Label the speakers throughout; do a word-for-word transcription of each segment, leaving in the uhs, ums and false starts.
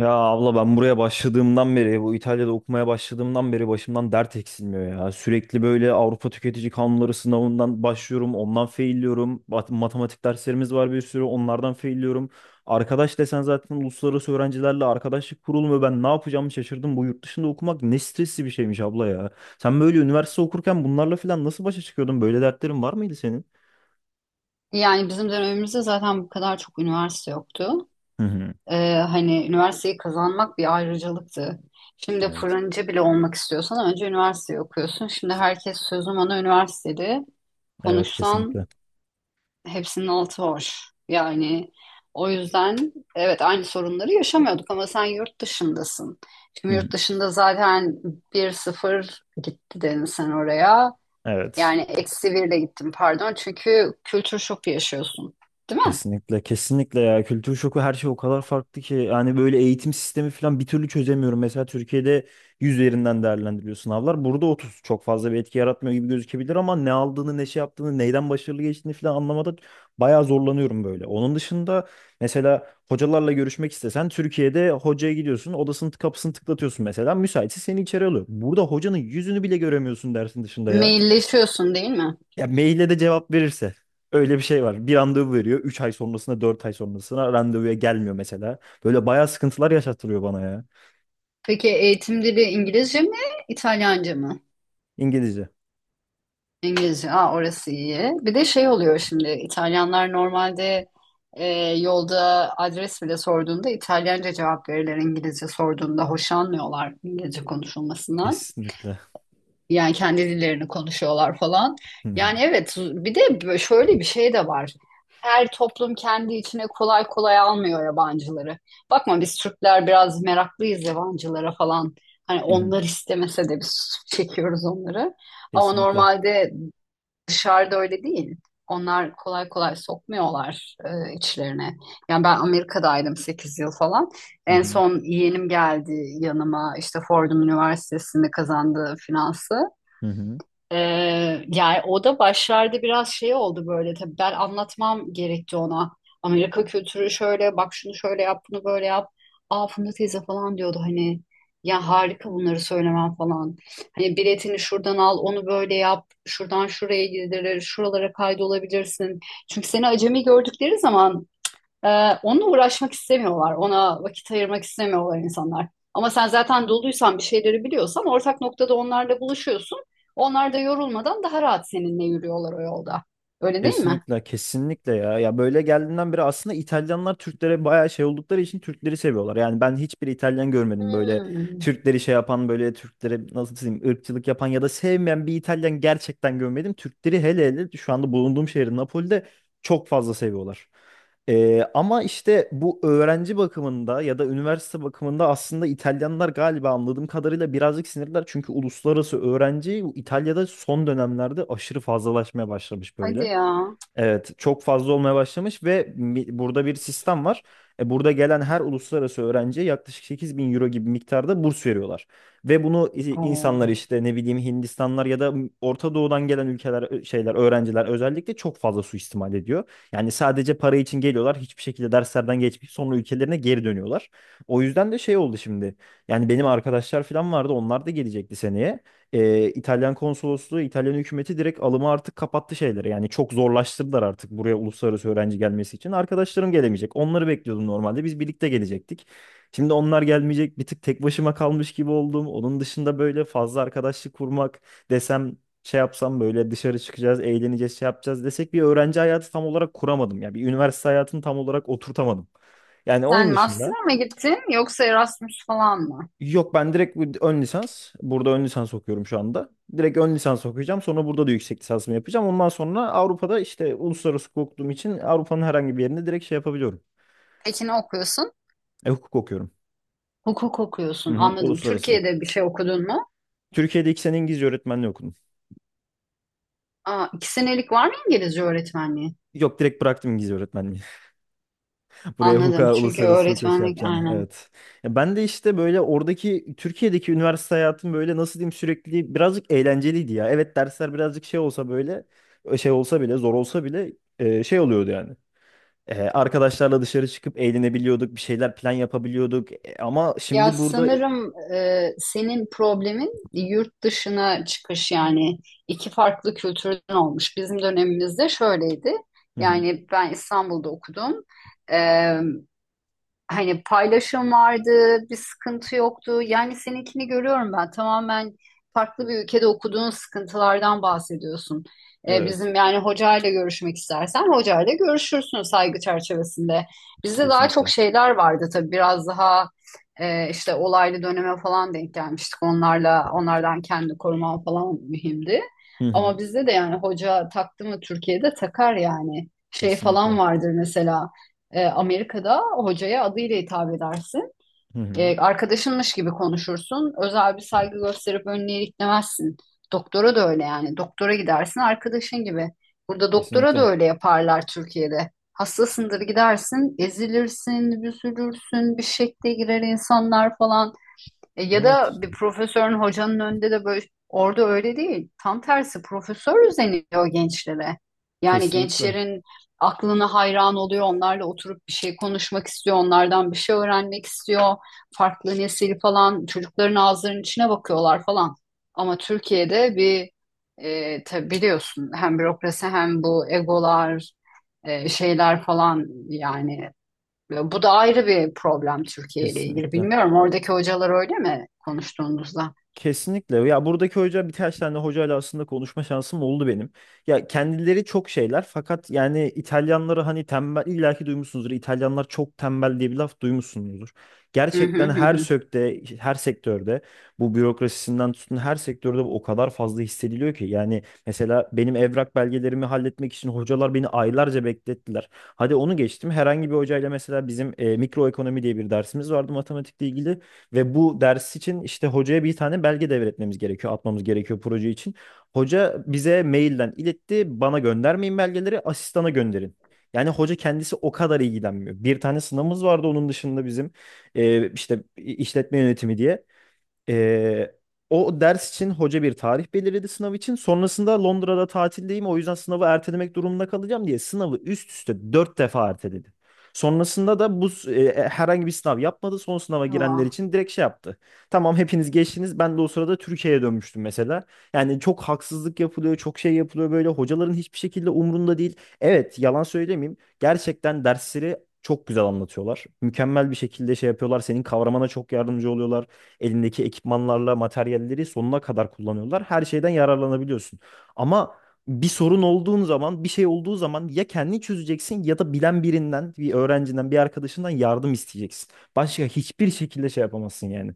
Speaker 1: Ya abla ben buraya başladığımdan beri, bu İtalya'da okumaya başladığımdan beri başımdan dert eksilmiyor ya. Sürekli böyle Avrupa Tüketici Kanunları sınavından başlıyorum, ondan failliyorum. Bat- Matematik derslerimiz var bir sürü, onlardan failliyorum. Arkadaş desen zaten uluslararası öğrencilerle arkadaşlık kurulmuyor. Ben ne yapacağımı şaşırdım. Bu yurt dışında okumak ne stresli bir şeymiş abla ya. Sen böyle üniversite okurken bunlarla falan nasıl başa çıkıyordun? Böyle dertlerin var mıydı senin?
Speaker 2: Yani bizim dönemimizde zaten bu kadar çok üniversite yoktu.
Speaker 1: Hı hı.
Speaker 2: Ee, hani üniversiteyi kazanmak bir ayrıcalıktı. Şimdi
Speaker 1: Evet.
Speaker 2: fırıncı bile olmak istiyorsan önce üniversiteyi okuyorsun. Şimdi herkes sözüm ona üniversitede
Speaker 1: Evet,
Speaker 2: konuşsan
Speaker 1: kesinlikle.
Speaker 2: hepsinin altı boş. Yani o yüzden evet, aynı sorunları yaşamıyorduk ama sen yurt dışındasın.
Speaker 1: Hı
Speaker 2: Şimdi
Speaker 1: hı.
Speaker 2: yurt dışında zaten bir sıfır gitti dedin sen oraya.
Speaker 1: Evet.
Speaker 2: Yani eksi bir de gittin pardon, çünkü kültür şoku yaşıyorsun. Değil mi?
Speaker 1: Kesinlikle, kesinlikle ya, kültür şoku her şey o kadar farklı ki, yani böyle eğitim sistemi falan bir türlü çözemiyorum. Mesela Türkiye'de yüz üzerinden değerlendiriliyor sınavlar. Burada otuz çok fazla bir etki yaratmıyor gibi gözükebilir ama ne aldığını, ne şey yaptığını, neyden başarılı geçtiğini falan anlamada bayağı zorlanıyorum böyle. Onun dışında mesela hocalarla görüşmek istesen Türkiye'de hocaya gidiyorsun, odasının kapısını tıklatıyorsun, mesela müsaitse seni içeri alıyor. Burada hocanın yüzünü bile göremiyorsun dersin dışında ya.
Speaker 2: Mailleşiyorsun, değil mi?
Speaker 1: Ya maile de cevap verirse. Öyle bir şey var. Bir randevu veriyor. Üç ay sonrasında, dört ay sonrasına randevuya gelmiyor mesela. Böyle bayağı sıkıntılar yaşatılıyor bana ya.
Speaker 2: Peki eğitim dili İngilizce mi, İtalyanca mı?
Speaker 1: İngilizce.
Speaker 2: İngilizce. Aa, orası iyi. Bir de şey oluyor şimdi. İtalyanlar normalde e, yolda adres bile sorduğunda İtalyanca cevap verirler, İngilizce sorduğunda hoşlanmıyorlar İngilizce konuşulmasından.
Speaker 1: Kesinlikle.
Speaker 2: Yani kendi dillerini konuşuyorlar falan.
Speaker 1: Hı hı.
Speaker 2: Yani evet, bir de şöyle bir şey de var. Her toplum kendi içine kolay kolay almıyor yabancıları. Bakma, biz Türkler biraz meraklıyız yabancılara falan. Hani
Speaker 1: Hı hı.
Speaker 2: onlar istemese de biz çekiyoruz onları. Ama
Speaker 1: Kesinlikle.
Speaker 2: normalde dışarıda öyle değil. Onlar kolay kolay sokmuyorlar e, içlerine. Yani ben Amerika'daydım sekiz yıl falan.
Speaker 1: Hı
Speaker 2: En
Speaker 1: hı.
Speaker 2: son yeğenim geldi yanıma, işte Fordham Üniversitesi'nde kazandığı finansı.
Speaker 1: Hı hı.
Speaker 2: Ee, yani o da başlarda biraz şey oldu böyle. Tabii ben anlatmam gerekti ona. Amerika kültürü şöyle: bak, şunu şöyle yap, bunu böyle yap. Aa, Funda teyze falan diyordu hani, ya harika bunları söylemem falan. Hani biletini şuradan al, onu böyle yap, şuradan şuraya gidilir, şuralara kaydolabilirsin. Çünkü seni acemi gördükleri zaman ee, onunla uğraşmak istemiyorlar. Ona vakit ayırmak istemiyorlar insanlar. Ama sen zaten doluysan, bir şeyleri biliyorsan ortak noktada onlarla buluşuyorsun. Onlar da yorulmadan daha rahat seninle yürüyorlar o yolda. Öyle değil mi?
Speaker 1: Kesinlikle, kesinlikle ya. Ya böyle geldiğinden beri aslında İtalyanlar Türklere bayağı şey oldukları için Türkleri seviyorlar. Yani ben hiçbir İtalyan görmedim böyle
Speaker 2: Hmm.
Speaker 1: Türkleri şey yapan, böyle Türklere nasıl diyeyim ırkçılık yapan ya da sevmeyen bir İtalyan gerçekten görmedim. Türkleri hele hele şu anda bulunduğum şehir Napoli'de çok fazla seviyorlar. Ee, ama işte bu öğrenci bakımında ya da üniversite bakımında aslında İtalyanlar galiba anladığım kadarıyla birazcık sinirler. Çünkü uluslararası öğrenci İtalya'da son dönemlerde aşırı fazlalaşmaya başlamış
Speaker 2: Hadi
Speaker 1: böyle.
Speaker 2: ya.
Speaker 1: Evet, çok fazla olmaya başlamış ve mi- burada bir sistem var. E, burada gelen her uluslararası öğrenciye yaklaşık sekiz bin euro gibi miktarda burs veriyorlar. Ve bunu i-
Speaker 2: Oo.
Speaker 1: insanlar işte ne bileyim Hindistanlar ya da Orta Doğu'dan gelen ülkeler ö- şeyler öğrenciler özellikle çok fazla suistimal ediyor. Yani sadece para için geliyorlar, hiçbir şekilde derslerden geçmeyip sonra ülkelerine geri dönüyorlar. O yüzden de şey oldu şimdi. Yani benim arkadaşlar falan vardı, onlar da gelecekti seneye. e, İtalyan konsolosluğu, İtalyan hükümeti direkt alımı artık kapattı şeyleri. Yani çok zorlaştırdılar artık buraya uluslararası öğrenci gelmesi için. Arkadaşlarım gelemeyecek. Onları bekliyordum normalde. Biz birlikte gelecektik. Şimdi onlar gelmeyecek. Bir tık tek başıma kalmış gibi oldum. Onun dışında böyle fazla arkadaşlık kurmak desem, şey yapsam, böyle dışarı çıkacağız, eğleneceğiz, şey yapacağız desek, bir öğrenci hayatı tam olarak kuramadım ya. Bir üniversite hayatını tam olarak oturtamadım. Yani
Speaker 2: Sen
Speaker 1: onun
Speaker 2: master'a
Speaker 1: dışında.
Speaker 2: mı gittin yoksa Erasmus falan mı?
Speaker 1: Yok, ben direkt bir ön lisans. Burada ön lisans okuyorum şu anda. Direkt ön lisans okuyacağım. Sonra burada da yüksek lisansımı yapacağım. Ondan sonra Avrupa'da işte uluslararası hukuk okuduğum için Avrupa'nın herhangi bir yerinde direkt şey yapabiliyorum.
Speaker 2: Peki ne okuyorsun?
Speaker 1: E, hukuk okuyorum.
Speaker 2: Hukuk
Speaker 1: Hı
Speaker 2: okuyorsun.
Speaker 1: hı,
Speaker 2: Anladım.
Speaker 1: uluslararası.
Speaker 2: Türkiye'de bir şey okudun mu?
Speaker 1: Türkiye'de iki sene İngilizce öğretmenliği okudum.
Speaker 2: Aa, iki senelik var mı İngilizce öğretmenliği?
Speaker 1: Yok, direkt bıraktım İngilizce öğretmenliği. Buraya
Speaker 2: Anladım.
Speaker 1: hukuka,
Speaker 2: Çünkü
Speaker 1: uluslararası hukuka şey
Speaker 2: öğretmenlik
Speaker 1: yapacağını.
Speaker 2: aynen.
Speaker 1: Evet. Ya ben de işte böyle oradaki Türkiye'deki üniversite hayatım böyle, nasıl diyeyim, sürekli birazcık eğlenceliydi ya. Evet, dersler birazcık şey olsa böyle, e, şey olsa bile, zor olsa bile, e, şey oluyordu yani. Ee, arkadaşlarla dışarı çıkıp eğlenebiliyorduk, bir şeyler plan yapabiliyorduk. E, ama
Speaker 2: Ya
Speaker 1: şimdi burada... e,
Speaker 2: sanırım e, senin problemin yurt dışına çıkış. Yani iki farklı kültürden olmuş. Bizim dönemimizde şöyleydi.
Speaker 1: Hı hı.
Speaker 2: Yani ben İstanbul'da okudum, hani paylaşım vardı, bir sıkıntı yoktu. Yani seninkini görüyorum ben. Tamamen farklı bir ülkede okuduğun sıkıntılardan bahsediyorsun. Ee,
Speaker 1: Evet,
Speaker 2: bizim yani hocayla görüşmek istersen hocayla görüşürsün saygı çerçevesinde. Bizde daha çok
Speaker 1: kesinlikle.
Speaker 2: şeyler vardı tabii, biraz daha e, işte olaylı döneme falan denk gelmiştik. Onlarla, onlardan kendi koruman falan mühimdi.
Speaker 1: Hı hı.
Speaker 2: Ama bizde de yani hoca taktı mı Türkiye'de takar yani. Şey falan
Speaker 1: Kesinlikle.
Speaker 2: vardır mesela. E, Amerika'da hocaya adıyla hitap edersin.
Speaker 1: Hı hı.
Speaker 2: E, arkadaşınmış gibi konuşursun. Özel bir saygı gösterip önüne iliklemezsin. Doktora da öyle yani. Doktora gidersin arkadaşın gibi. Burada doktora da
Speaker 1: Kesinlikle.
Speaker 2: öyle yaparlar Türkiye'de. Hastasındır, gidersin, ezilirsin, büzülürsün, bir şekle girer insanlar falan. E, Ya
Speaker 1: Evet,
Speaker 2: da bir profesörün, hocanın önünde de böyle, orada öyle değil. Tam tersi, profesör özeniyor gençlere. Yani
Speaker 1: kesinlikle.
Speaker 2: gençlerin aklına hayran oluyor. Onlarla oturup bir şey konuşmak istiyor. Onlardan bir şey öğrenmek istiyor. Farklı nesil falan, çocukların ağzlarının içine bakıyorlar falan. Ama Türkiye'de bir e, tabii biliyorsun, hem bürokrasi hem bu egolar e, şeyler falan yani, bu da ayrı bir problem Türkiye ile ilgili.
Speaker 1: Kesinlikle.
Speaker 2: Bilmiyorum, oradaki hocalar öyle mi konuştuğunuzda?
Speaker 1: Kesinlikle. Ya buradaki hoca, birkaç tane hocayla aslında konuşma şansım oldu benim. Ya kendileri çok şeyler fakat yani İtalyanları, hani tembel, illaki duymuşsunuzdur. İtalyanlar çok tembel diye bir laf duymuşsunuzdur.
Speaker 2: Hı hı
Speaker 1: Gerçekten
Speaker 2: hı
Speaker 1: her
Speaker 2: hı.
Speaker 1: sökte, her sektörde bu bürokrasisinden tutun her sektörde bu o kadar fazla hissediliyor ki. Yani mesela benim evrak belgelerimi halletmek için hocalar beni aylarca beklettiler. Hadi onu geçtim. Herhangi bir hocayla mesela bizim e, mikroekonomi diye bir dersimiz vardı matematikle ilgili. Ve bu ders için işte hocaya bir tane belge devretmemiz gerekiyor, atmamız gerekiyor proje için. Hoca bize mailden iletti, bana göndermeyin belgeleri, asistana gönderin. Yani hoca kendisi o kadar ilgilenmiyor. Bir tane sınavımız vardı onun dışında bizim, e, işte işletme yönetimi diye. Ee, o ders için hoca bir tarih belirledi sınav için. Sonrasında Londra'da tatildeyim, o yüzden sınavı ertelemek durumunda kalacağım diye sınavı üst üste dört defa erteledi. Sonrasında da bu s- e, herhangi bir sınav yapmadı. Son sınava girenler
Speaker 2: Vah.
Speaker 1: için direkt şey yaptı. Tamam, hepiniz geçtiniz. Ben de o sırada Türkiye'ye dönmüştüm mesela. Yani çok haksızlık yapılıyor, çok şey yapılıyor böyle. Hocaların hiçbir şekilde umrunda değil. Evet, yalan söylemeyeyim. Gerçekten dersleri çok güzel anlatıyorlar. Mükemmel bir şekilde şey yapıyorlar. Senin kavramana çok yardımcı oluyorlar, elindeki ekipmanlarla materyalleri sonuna kadar kullanıyorlar. Her şeyden yararlanabiliyorsun. Ama bir sorun olduğun zaman, bir şey olduğu zaman ya kendini çözeceksin ya da bilen birinden, bir öğrencinden, bir arkadaşından yardım isteyeceksin. Başka hiçbir şekilde şey yapamazsın yani.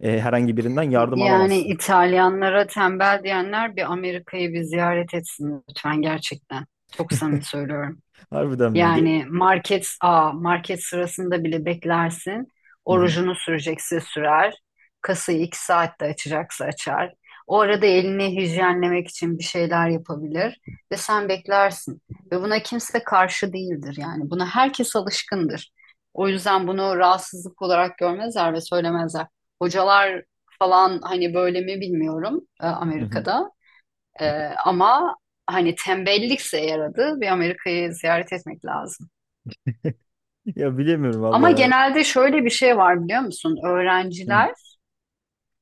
Speaker 1: Ee, herhangi birinden yardım
Speaker 2: Yani
Speaker 1: alamazsın.
Speaker 2: İtalyanlara tembel diyenler bir Amerika'yı bir ziyaret etsin lütfen, gerçekten. Çok samimi söylüyorum.
Speaker 1: Harbiden mi? Ge-.
Speaker 2: Yani market a market sırasında bile beklersin.
Speaker 1: Hı
Speaker 2: Orucunu,
Speaker 1: hı,
Speaker 2: rujunu sürecekse sürer. Kasayı iki saatte açacaksa açar. O arada elini hijyenlemek için bir şeyler yapabilir ve sen beklersin. Ve buna kimse karşı değildir yani. Buna herkes alışkındır. O yüzden bunu rahatsızlık olarak görmezler ve söylemezler. Hocalar falan hani böyle mi bilmiyorum e,
Speaker 1: hı hı.
Speaker 2: Amerika'da. E, ama hani tembellikse, yaradı, bir Amerika'yı ziyaret etmek lazım.
Speaker 1: Ya bilemiyorum valla
Speaker 2: Ama
Speaker 1: ya.
Speaker 2: genelde şöyle bir şey var, biliyor musun?
Speaker 1: Hı hı.
Speaker 2: Öğrenciler,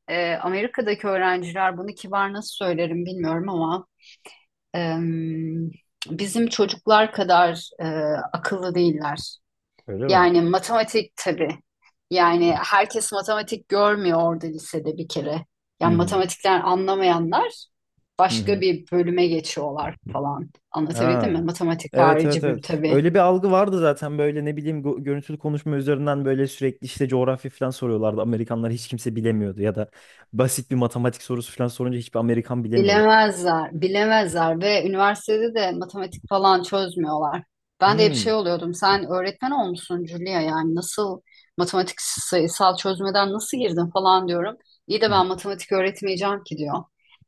Speaker 2: e, Amerika'daki öğrenciler, bunu kibar nasıl söylerim bilmiyorum ama em, bizim çocuklar kadar e, akıllı değiller.
Speaker 1: Öyle mi?
Speaker 2: Yani matematik tabii. Yani herkes matematik görmüyor orada lisede bir kere.
Speaker 1: Hı
Speaker 2: Yani
Speaker 1: hı,
Speaker 2: matematikten anlamayanlar
Speaker 1: hı
Speaker 2: başka
Speaker 1: hı.
Speaker 2: bir bölüme geçiyorlar falan. Anlatabildim mi?
Speaker 1: Ha.
Speaker 2: Matematik
Speaker 1: Evet, evet,
Speaker 2: harici bir
Speaker 1: evet.
Speaker 2: tabii.
Speaker 1: Öyle bir algı vardı zaten, böyle ne bileyim go- görüntülü konuşma üzerinden böyle sürekli işte coğrafya falan soruyorlardı. Amerikanlar, hiç kimse bilemiyordu ya da basit bir matematik sorusu falan sorunca hiçbir Amerikan bilemiyordu.
Speaker 2: Bilemezler, bilemezler, ve üniversitede de matematik falan çözmüyorlar. Ben de bir şey
Speaker 1: Hmm.
Speaker 2: oluyordum. Sen öğretmen olmuşsun Julia, yani nasıl matematik sayısal çözmeden nasıl girdin falan diyorum. İyi de
Speaker 1: Hı hı.
Speaker 2: ben matematik öğretmeyeceğim ki diyor.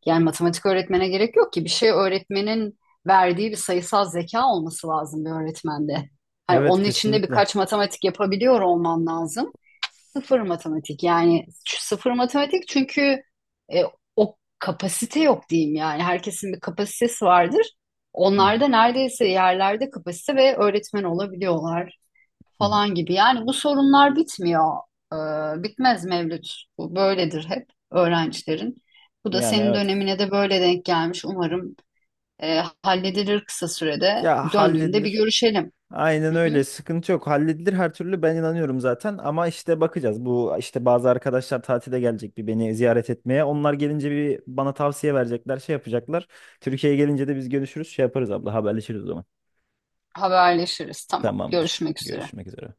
Speaker 2: Yani matematik öğretmene gerek yok ki, bir şey öğretmenin verdiği bir sayısal zeka olması lazım bir öğretmende. Hani
Speaker 1: Evet,
Speaker 2: onun içinde
Speaker 1: kesinlikle. Hı
Speaker 2: birkaç matematik yapabiliyor olman lazım. Sıfır matematik, yani sıfır matematik, çünkü e, kapasite yok diyeyim yani. Herkesin bir kapasitesi vardır. Onlar
Speaker 1: hı.
Speaker 2: da neredeyse yerlerde kapasite ve öğretmen olabiliyorlar
Speaker 1: Hı hı.
Speaker 2: falan gibi. Yani bu sorunlar bitmiyor. Ee, bitmez Mevlüt. Bu böyledir hep öğrencilerin. Bu da
Speaker 1: Yani
Speaker 2: senin
Speaker 1: evet.
Speaker 2: dönemine de böyle denk gelmiş. Umarım e, halledilir kısa sürede.
Speaker 1: Ya
Speaker 2: Döndüğünde bir
Speaker 1: halledilir.
Speaker 2: görüşelim.
Speaker 1: Aynen
Speaker 2: Hı hı.
Speaker 1: öyle. Sıkıntı yok. Halledilir her türlü, ben inanıyorum zaten. Ama işte bakacağız. Bu işte bazı arkadaşlar tatile gelecek bir, beni ziyaret etmeye. Onlar gelince bir bana tavsiye verecekler, şey yapacaklar. Türkiye'ye gelince de biz görüşürüz, şey yaparız abla, haberleşiriz o zaman.
Speaker 2: Haberleşiriz. Tamam.
Speaker 1: Tamamdır.
Speaker 2: Görüşmek üzere.
Speaker 1: Görüşmek üzere.